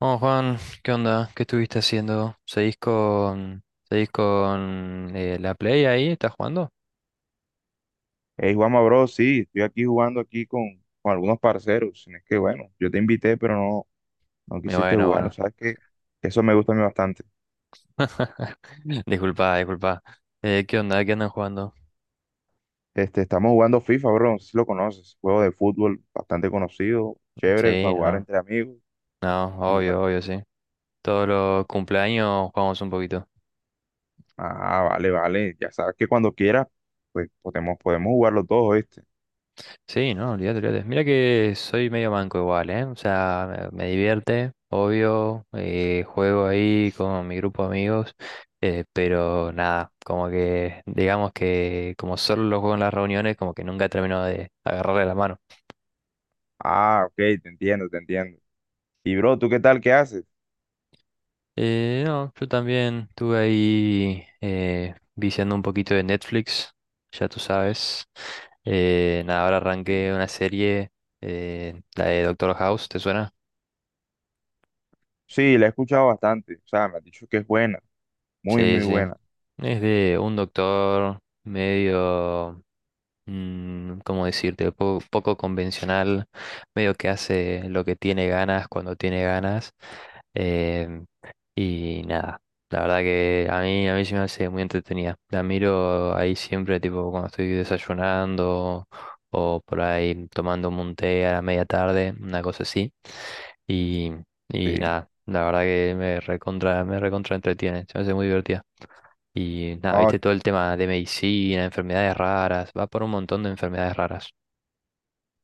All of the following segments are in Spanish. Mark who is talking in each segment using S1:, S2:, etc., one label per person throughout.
S1: Oh, Juan, ¿qué onda? ¿Qué estuviste haciendo? ¿Seguís con la Play ahí? ¿Estás jugando?
S2: Hey, Juanma, bro, sí, estoy aquí jugando aquí con algunos parceros. Es que bueno, yo te invité, pero no, no quisiste
S1: Bueno,
S2: jugar. ¿No?
S1: bueno.
S2: ¿Sabes que eso me gusta a mí bastante?
S1: Disculpa, disculpa. ¿Qué onda? ¿Qué andan jugando?
S2: Estamos jugando FIFA, bro, no sé si lo conoces. Juego de fútbol bastante conocido, chévere para
S1: Sí,
S2: jugar
S1: no,
S2: entre amigos.
S1: no,
S2: Y, va-
S1: obvio, obvio, sí. Todos los cumpleaños jugamos un poquito.
S2: ah, vale, vale. Ya sabes que cuando quieras, pues podemos, podemos jugarlo los dos, ¿viste?
S1: Sí, no, olvídate, olvídate. Mira que soy medio manco igual, ¿eh? O sea, me divierte, obvio, juego ahí con mi grupo de amigos, pero nada, como que, digamos que como solo lo juego en las reuniones, como que nunca termino de agarrarle la mano.
S2: Ah, ok, te entiendo, te entiendo. Y, bro, ¿tú qué tal? ¿Qué haces?
S1: No, yo también estuve ahí viciando un poquito de Netflix, ya tú sabes. Nada, ahora
S2: Sí,
S1: arranqué una serie, la de Doctor House, ¿te suena?
S2: sí, la he escuchado bastante. O sea, me has dicho que es buena, muy,
S1: Sí,
S2: muy
S1: sí.
S2: buena.
S1: Es de un doctor medio mm, ¿cómo decirte? Poco convencional, medio que hace lo que tiene ganas cuando tiene ganas. em, y nada, la verdad que a mí se me hace muy entretenida. La miro ahí siempre, tipo cuando estoy desayunando o por ahí tomando un té a la media tarde, una cosa así. Y, y
S2: Sí.
S1: nada, la verdad que me recontra entretiene, se me hace muy divertida. Y nada,
S2: Oh,
S1: viste todo el tema de medicina, enfermedades raras, va por un montón de enfermedades raras.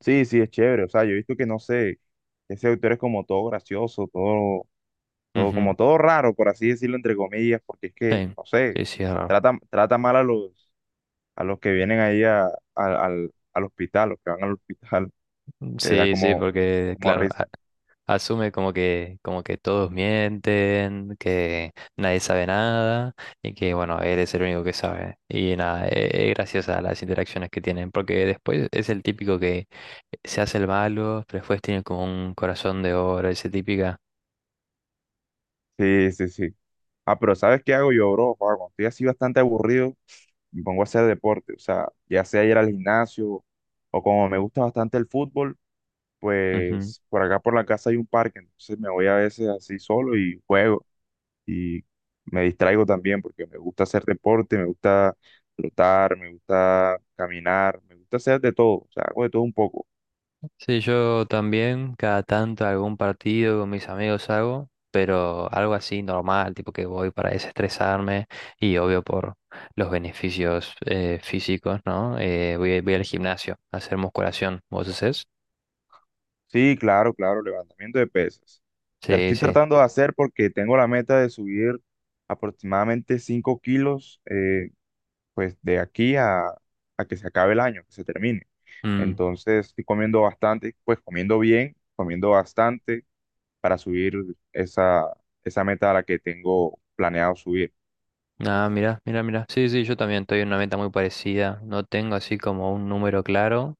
S2: sí, sí, es chévere. O sea, yo he visto que no sé, ese autor es como todo gracioso, todo, todo, como
S1: Ujú.
S2: todo raro, por así decirlo, entre comillas, porque es que,
S1: Sí,
S2: no sé,
S1: sí, sí, es raro.
S2: trata, trata mal a los que vienen ahí a- al, al hospital, los que van al hospital, te da
S1: Sí, sí,
S2: como,
S1: porque
S2: como
S1: claro,
S2: risa.
S1: asume como que todos mienten, que nadie sabe nada y que bueno, él es el único que sabe. Y nada, es graciosa las interacciones que tienen, porque después es el típico que se hace el malo, pero después tiene como un corazón de oro, ese típica.
S2: Sí, sí, sí. Ah, pero ¿sabes qué hago yo, bro? Joder, cuando estoy así bastante aburrido, me pongo a hacer deporte. O sea, ya sea ir al gimnasio, o como me gusta bastante el fútbol, pues por acá por la casa hay un parque, entonces me voy a veces así solo y juego y me distraigo también porque me gusta hacer deporte, me gusta trotar, me gusta caminar, me gusta hacer de todo, o sea, hago de todo un poco.
S1: Sí, yo también cada tanto algún partido con mis amigos hago, pero algo así normal, tipo que voy para desestresarme y obvio por los beneficios físicos, ¿no? Voy al gimnasio a hacer musculación. ¿Vos hacés?
S2: Sí, claro, claro, levantamiento de pesas. Te
S1: Sí,
S2: estoy
S1: sí.
S2: tratando de hacer porque tengo la meta de subir aproximadamente 5 kilos, pues de aquí a que se acabe el año, que se termine.
S1: Mm.
S2: Entonces estoy comiendo bastante, pues comiendo bien, comiendo bastante para subir esa, esa meta a la que tengo planeado subir.
S1: Ah, mira, mira, mira. Sí, sí, yo también estoy en una meta muy parecida. No tengo así como un número claro,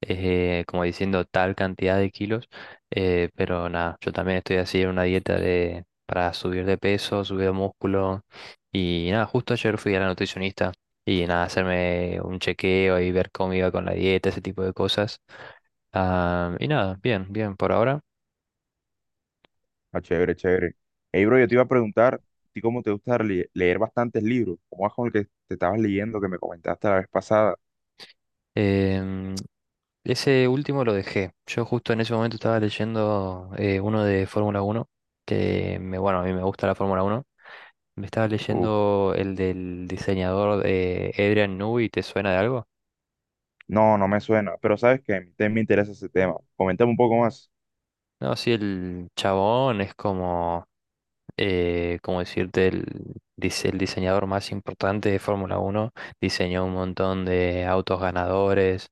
S1: como diciendo tal cantidad de kilos, pero nada, yo también estoy así en una dieta de, para subir de peso, subir de músculo, y nada, justo ayer fui a la nutricionista y nada, hacerme un chequeo y ver cómo iba con la dieta, ese tipo de cosas. Ah, y nada, bien, bien por ahora.
S2: Ah, chévere, chévere. Hey, bro, yo te iba a preguntar, ¿tú cómo te gusta leer bastantes libros? ¿Cómo vas con el que te estabas leyendo que me comentaste la vez pasada?
S1: Em, Ese último lo dejé. Yo justo en ese momento estaba leyendo uno de Fórmula Uno que me, bueno, a mí me gusta la Fórmula Uno. Me estaba
S2: Uf,
S1: leyendo el del diseñador de Adrian Newey, ¿te suena de algo?
S2: no, no me suena, pero sabes que a mí también me interesa ese tema. Coméntame un poco más.
S1: No, sí, el chabón es como ¿cómo decirte? El diseñador más importante de Fórmula Uno, diseñó un montón de autos ganadores,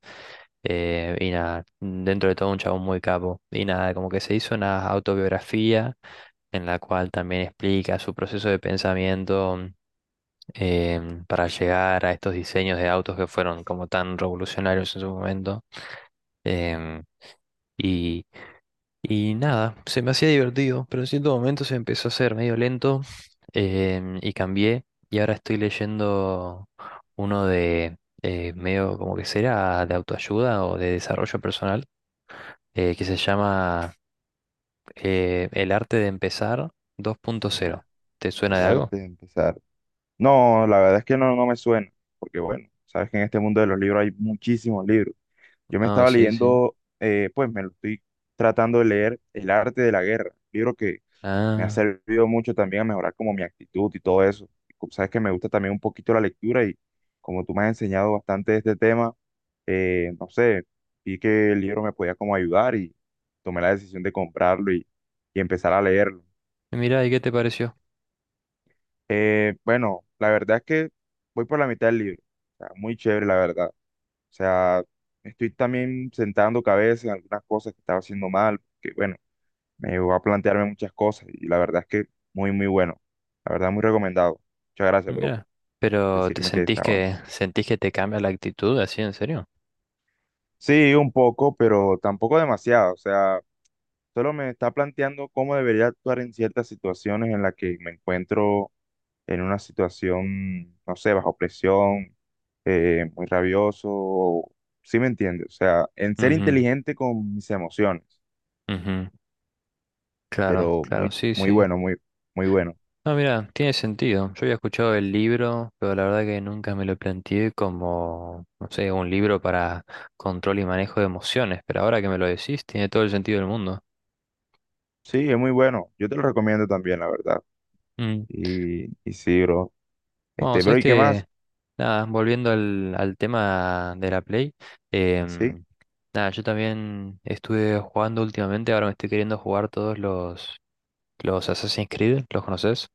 S1: y nada, dentro de todo un chabón muy capo. Y nada, como que se hizo una autobiografía en la cual también explica su proceso de pensamiento, para llegar a estos diseños de autos que fueron como tan revolucionarios en su momento. Em, y y nada, se me hacía divertido, pero en cierto momento se empezó a hacer medio lento, y cambié. Y ahora estoy leyendo uno de medio como que será de autoayuda o de desarrollo personal, que se llama El arte de empezar
S2: El,
S1: 2.0.
S2: a-
S1: ¿Te suena de
S2: el
S1: algo?
S2: arte de empezar. No, la verdad es que no, no me suena, porque bueno, sabes que en este mundo de los libros hay muchísimos libros. Yo me
S1: No,
S2: estaba
S1: sí, sí.
S2: leyendo, pues me lo estoy tratando de leer El arte de la guerra, libro que me ha
S1: Ah,
S2: servido mucho también a mejorar como mi actitud y todo eso. Y como sabes que me gusta también un poquito la lectura y como tú me has enseñado bastante de este tema, no sé, vi que el libro me podía como ayudar y tomé la decisión de comprarlo y empezar a leerlo.
S1: mira, ¿y qué te pareció?
S2: Bueno, la verdad es que voy por la mitad del libro. O sea, muy chévere, la verdad. O sea, me estoy también sentando cabeza en algunas cosas que estaba haciendo mal, que bueno, me llevó a plantearme muchas cosas y la verdad es que muy, muy bueno. La verdad, muy recomendado. Muchas gracias, bro, por
S1: Mira, pero ¿te
S2: decirme que está bueno.
S1: sentís que te cambia la actitud así en serio?
S2: Sí, un poco, pero tampoco demasiado. O sea, solo me está planteando cómo debería actuar en ciertas situaciones en las que me encuentro en una situación, no sé, bajo presión, muy rabioso. Sí me entiende. O sea, en ser
S1: Ujú,
S2: inteligente con mis emociones,
S1: ujú. Claro,
S2: pero
S1: claro,
S2: muy,
S1: sí,
S2: muy
S1: sí.
S2: bueno, muy, muy bueno.
S1: No, mira, tiene sentido. Yo había escuchado el libro, pero la verdad que nunca me lo planteé como, no sé, un libro para control y manejo de emociones, pero ahora que me lo decís, tiene todo el sentido del mundo.
S2: Sí, es muy bueno. Yo te lo recomiendo también, la verdad.
S1: Mm.
S2: Y sí, bro.
S1: Bueno, sabes
S2: Bro, ¿y qué
S1: que,
S2: más?
S1: nada, volviendo al tema de la Play,
S2: Sí.
S1: em, nada, yo también estuve jugando últimamente, ahora me estoy queriendo jugar los Assassin's Creed, ¿los conoces?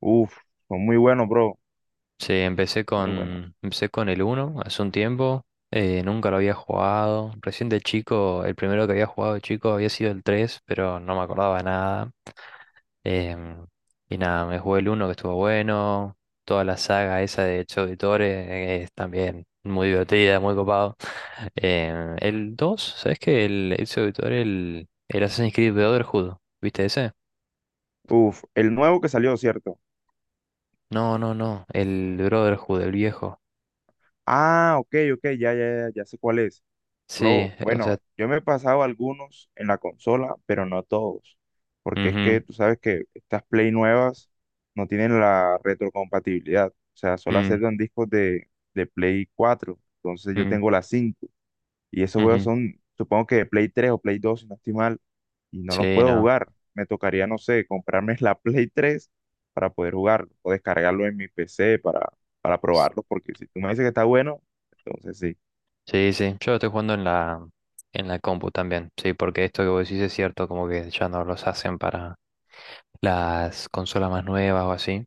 S2: Uf, son muy buenos, bro.
S1: Sí,
S2: Muy buenos.
S1: empecé con el uno hace un tiempo. Nunca lo había jugado. Recién de chico, el primero que había jugado de chico había sido el 3, pero no me acordaba nada. em, y nada, me jugué el uno que estuvo bueno. Toda la saga esa de Chouditore es también muy divertida, muy copado. El 2, ¿sabes qué? El Chouditore, el Assassin's Creed Brotherhood, ¿viste ese?
S2: Uf, el nuevo que salió, ¿cierto?
S1: No, no, no, el Brotherhood, el viejo.
S2: Ah, ok, ok, ya, ya, ya, ya sé cuál es.
S1: Sí,
S2: Bro,
S1: o
S2: bueno,
S1: sea,
S2: yo me he pasado algunos en la consola, pero no todos. Porque es que
S1: ujú,
S2: tú sabes que estas Play nuevas no tienen la retrocompatibilidad. O sea, solo
S1: mm.
S2: aceptan discos de Play 4. Entonces yo
S1: Mm,
S2: tengo la 5. Y esos juegos
S1: ujú.
S2: son, supongo que de Play 3 o Play 2, si no estoy mal, y no los
S1: Sí,
S2: puedo
S1: no.
S2: jugar. Me tocaría, no sé, comprarme la Play 3 para poder jugarlo o descargarlo en mi PC para
S1: S-
S2: probarlo, porque si tú me dices que está bueno, entonces sí.
S1: sí, sí. Yo lo estoy jugando en en la compu también. Sí, porque esto que vos decís es cierto, como que ya no los hacen para las consolas más nuevas o así.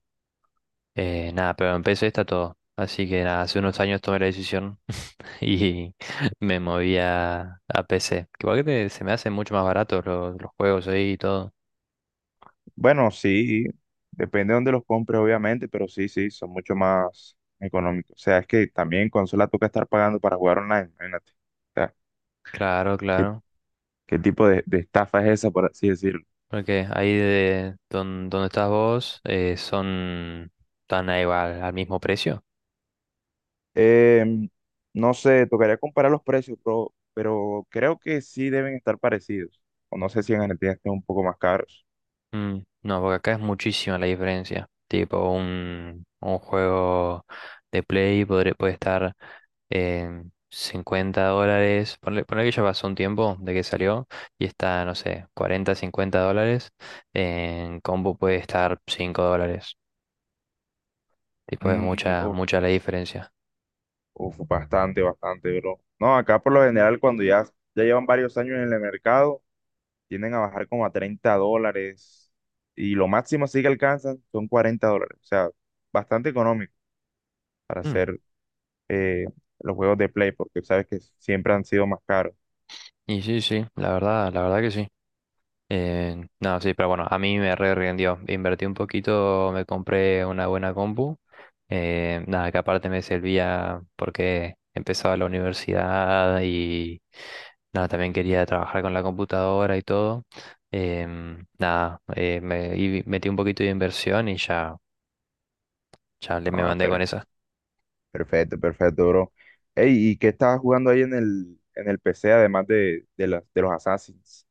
S1: Nada, pero en P C está todo. Así que nada, hace unos años tomé la decisión y me moví a PC. Que igual se me hacen mucho más baratos los juegos ahí y todo.
S2: Bueno, sí, depende de dónde los compres, obviamente, pero sí, sí, son mucho más económicos. O sea, es que también en consola toca estar pagando para jugar online, imagínate. O sea,
S1: Claro,
S2: ¿qué,
S1: claro.
S2: qué tipo de estafa es esa, por así decirlo?
S1: Porque ahí de donde estás vos son tan igual al mismo precio.
S2: Em, no sé, tocaría comparar los precios, pero creo que sí deben estar parecidos. O no sé si en Argentina estén un poco más caros.
S1: Mm. No, porque acá es muchísima la diferencia. Tipo, un juego de Play puede estar en 50 dólares. Ponle que ya pasó un tiempo de que salió y está, no sé, 40 50 dólares. En combo puede estar 5 dólares. Tipo, es
S2: Mm,
S1: mucha,
S2: uf,
S1: mucha la diferencia.
S2: uf, bastante, bastante, bro. No, acá por lo general, cuando ya, ya llevan varios años en el mercado, tienden a bajar como a 30 dólares. Y lo máximo sí que alcanzan son 40 dólares. O sea, bastante económico para
S1: Mm.
S2: hacer eh, los juegos de Play, porque sabes que siempre han sido más caros.
S1: Y sí, sí, la verdad que sí. No, sí, pero bueno, a mí me re rindió. Invertí un poquito, me compré una buena compu. Nada, que aparte me servía porque empezaba la universidad y nada, también quería trabajar con la computadora y todo. Em, nada, me y metí un poquito de inversión y ya le me
S2: Ah,
S1: mandé
S2: pero
S1: con eso.
S2: perfecto, perfecto, bro. Ey, ¿y qué estabas jugando ahí en el PC, además de, de los Assassins?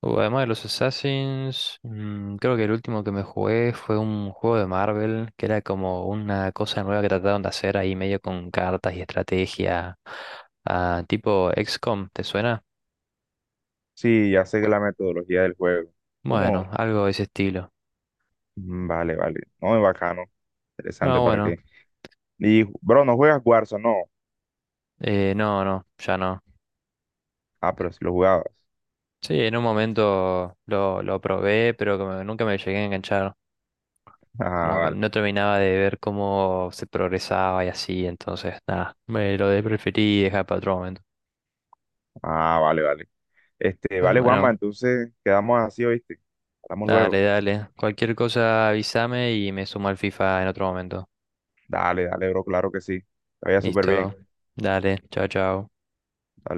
S1: Además de los Assassins, mm, creo que el último que me jugué fue un juego de Marvel, que era como una cosa nueva que trataron de hacer ahí medio con cartas y estrategia, ah, tipo XCOM, ¿te suena?
S2: Sí, ya sé que la metodología del juego. ¿Cómo?
S1: Bueno, algo de ese estilo.
S2: Mm, vale, vale. No, es bacano.
S1: Ah,
S2: Interesante, ¿para
S1: bueno,
S2: qué? Y, bro, ¿no juegas Warzone? No.
S1: no, no, ya no.
S2: Ah, pero si lo jugabas.
S1: Sí, en un momento lo probé, pero como que nunca me llegué a enganchar.
S2: Ah,
S1: Como que
S2: vale.
S1: no terminaba de ver cómo se progresaba y así, entonces nada, me lo preferí dejar para otro momento.
S2: Ah, vale, vale.
S1: Bueno,
S2: Vale, Juanma,
S1: bueno.
S2: entonces quedamos así, ¿oíste? Hablamos
S1: Dale,
S2: luego.
S1: dale. Cualquier cosa avísame y me sumo al FIFA en otro momento.
S2: Dale, dale, bro, claro que sí. Te vaya súper
S1: Listo.
S2: bien.
S1: Dale, chao, chao.
S2: Dale.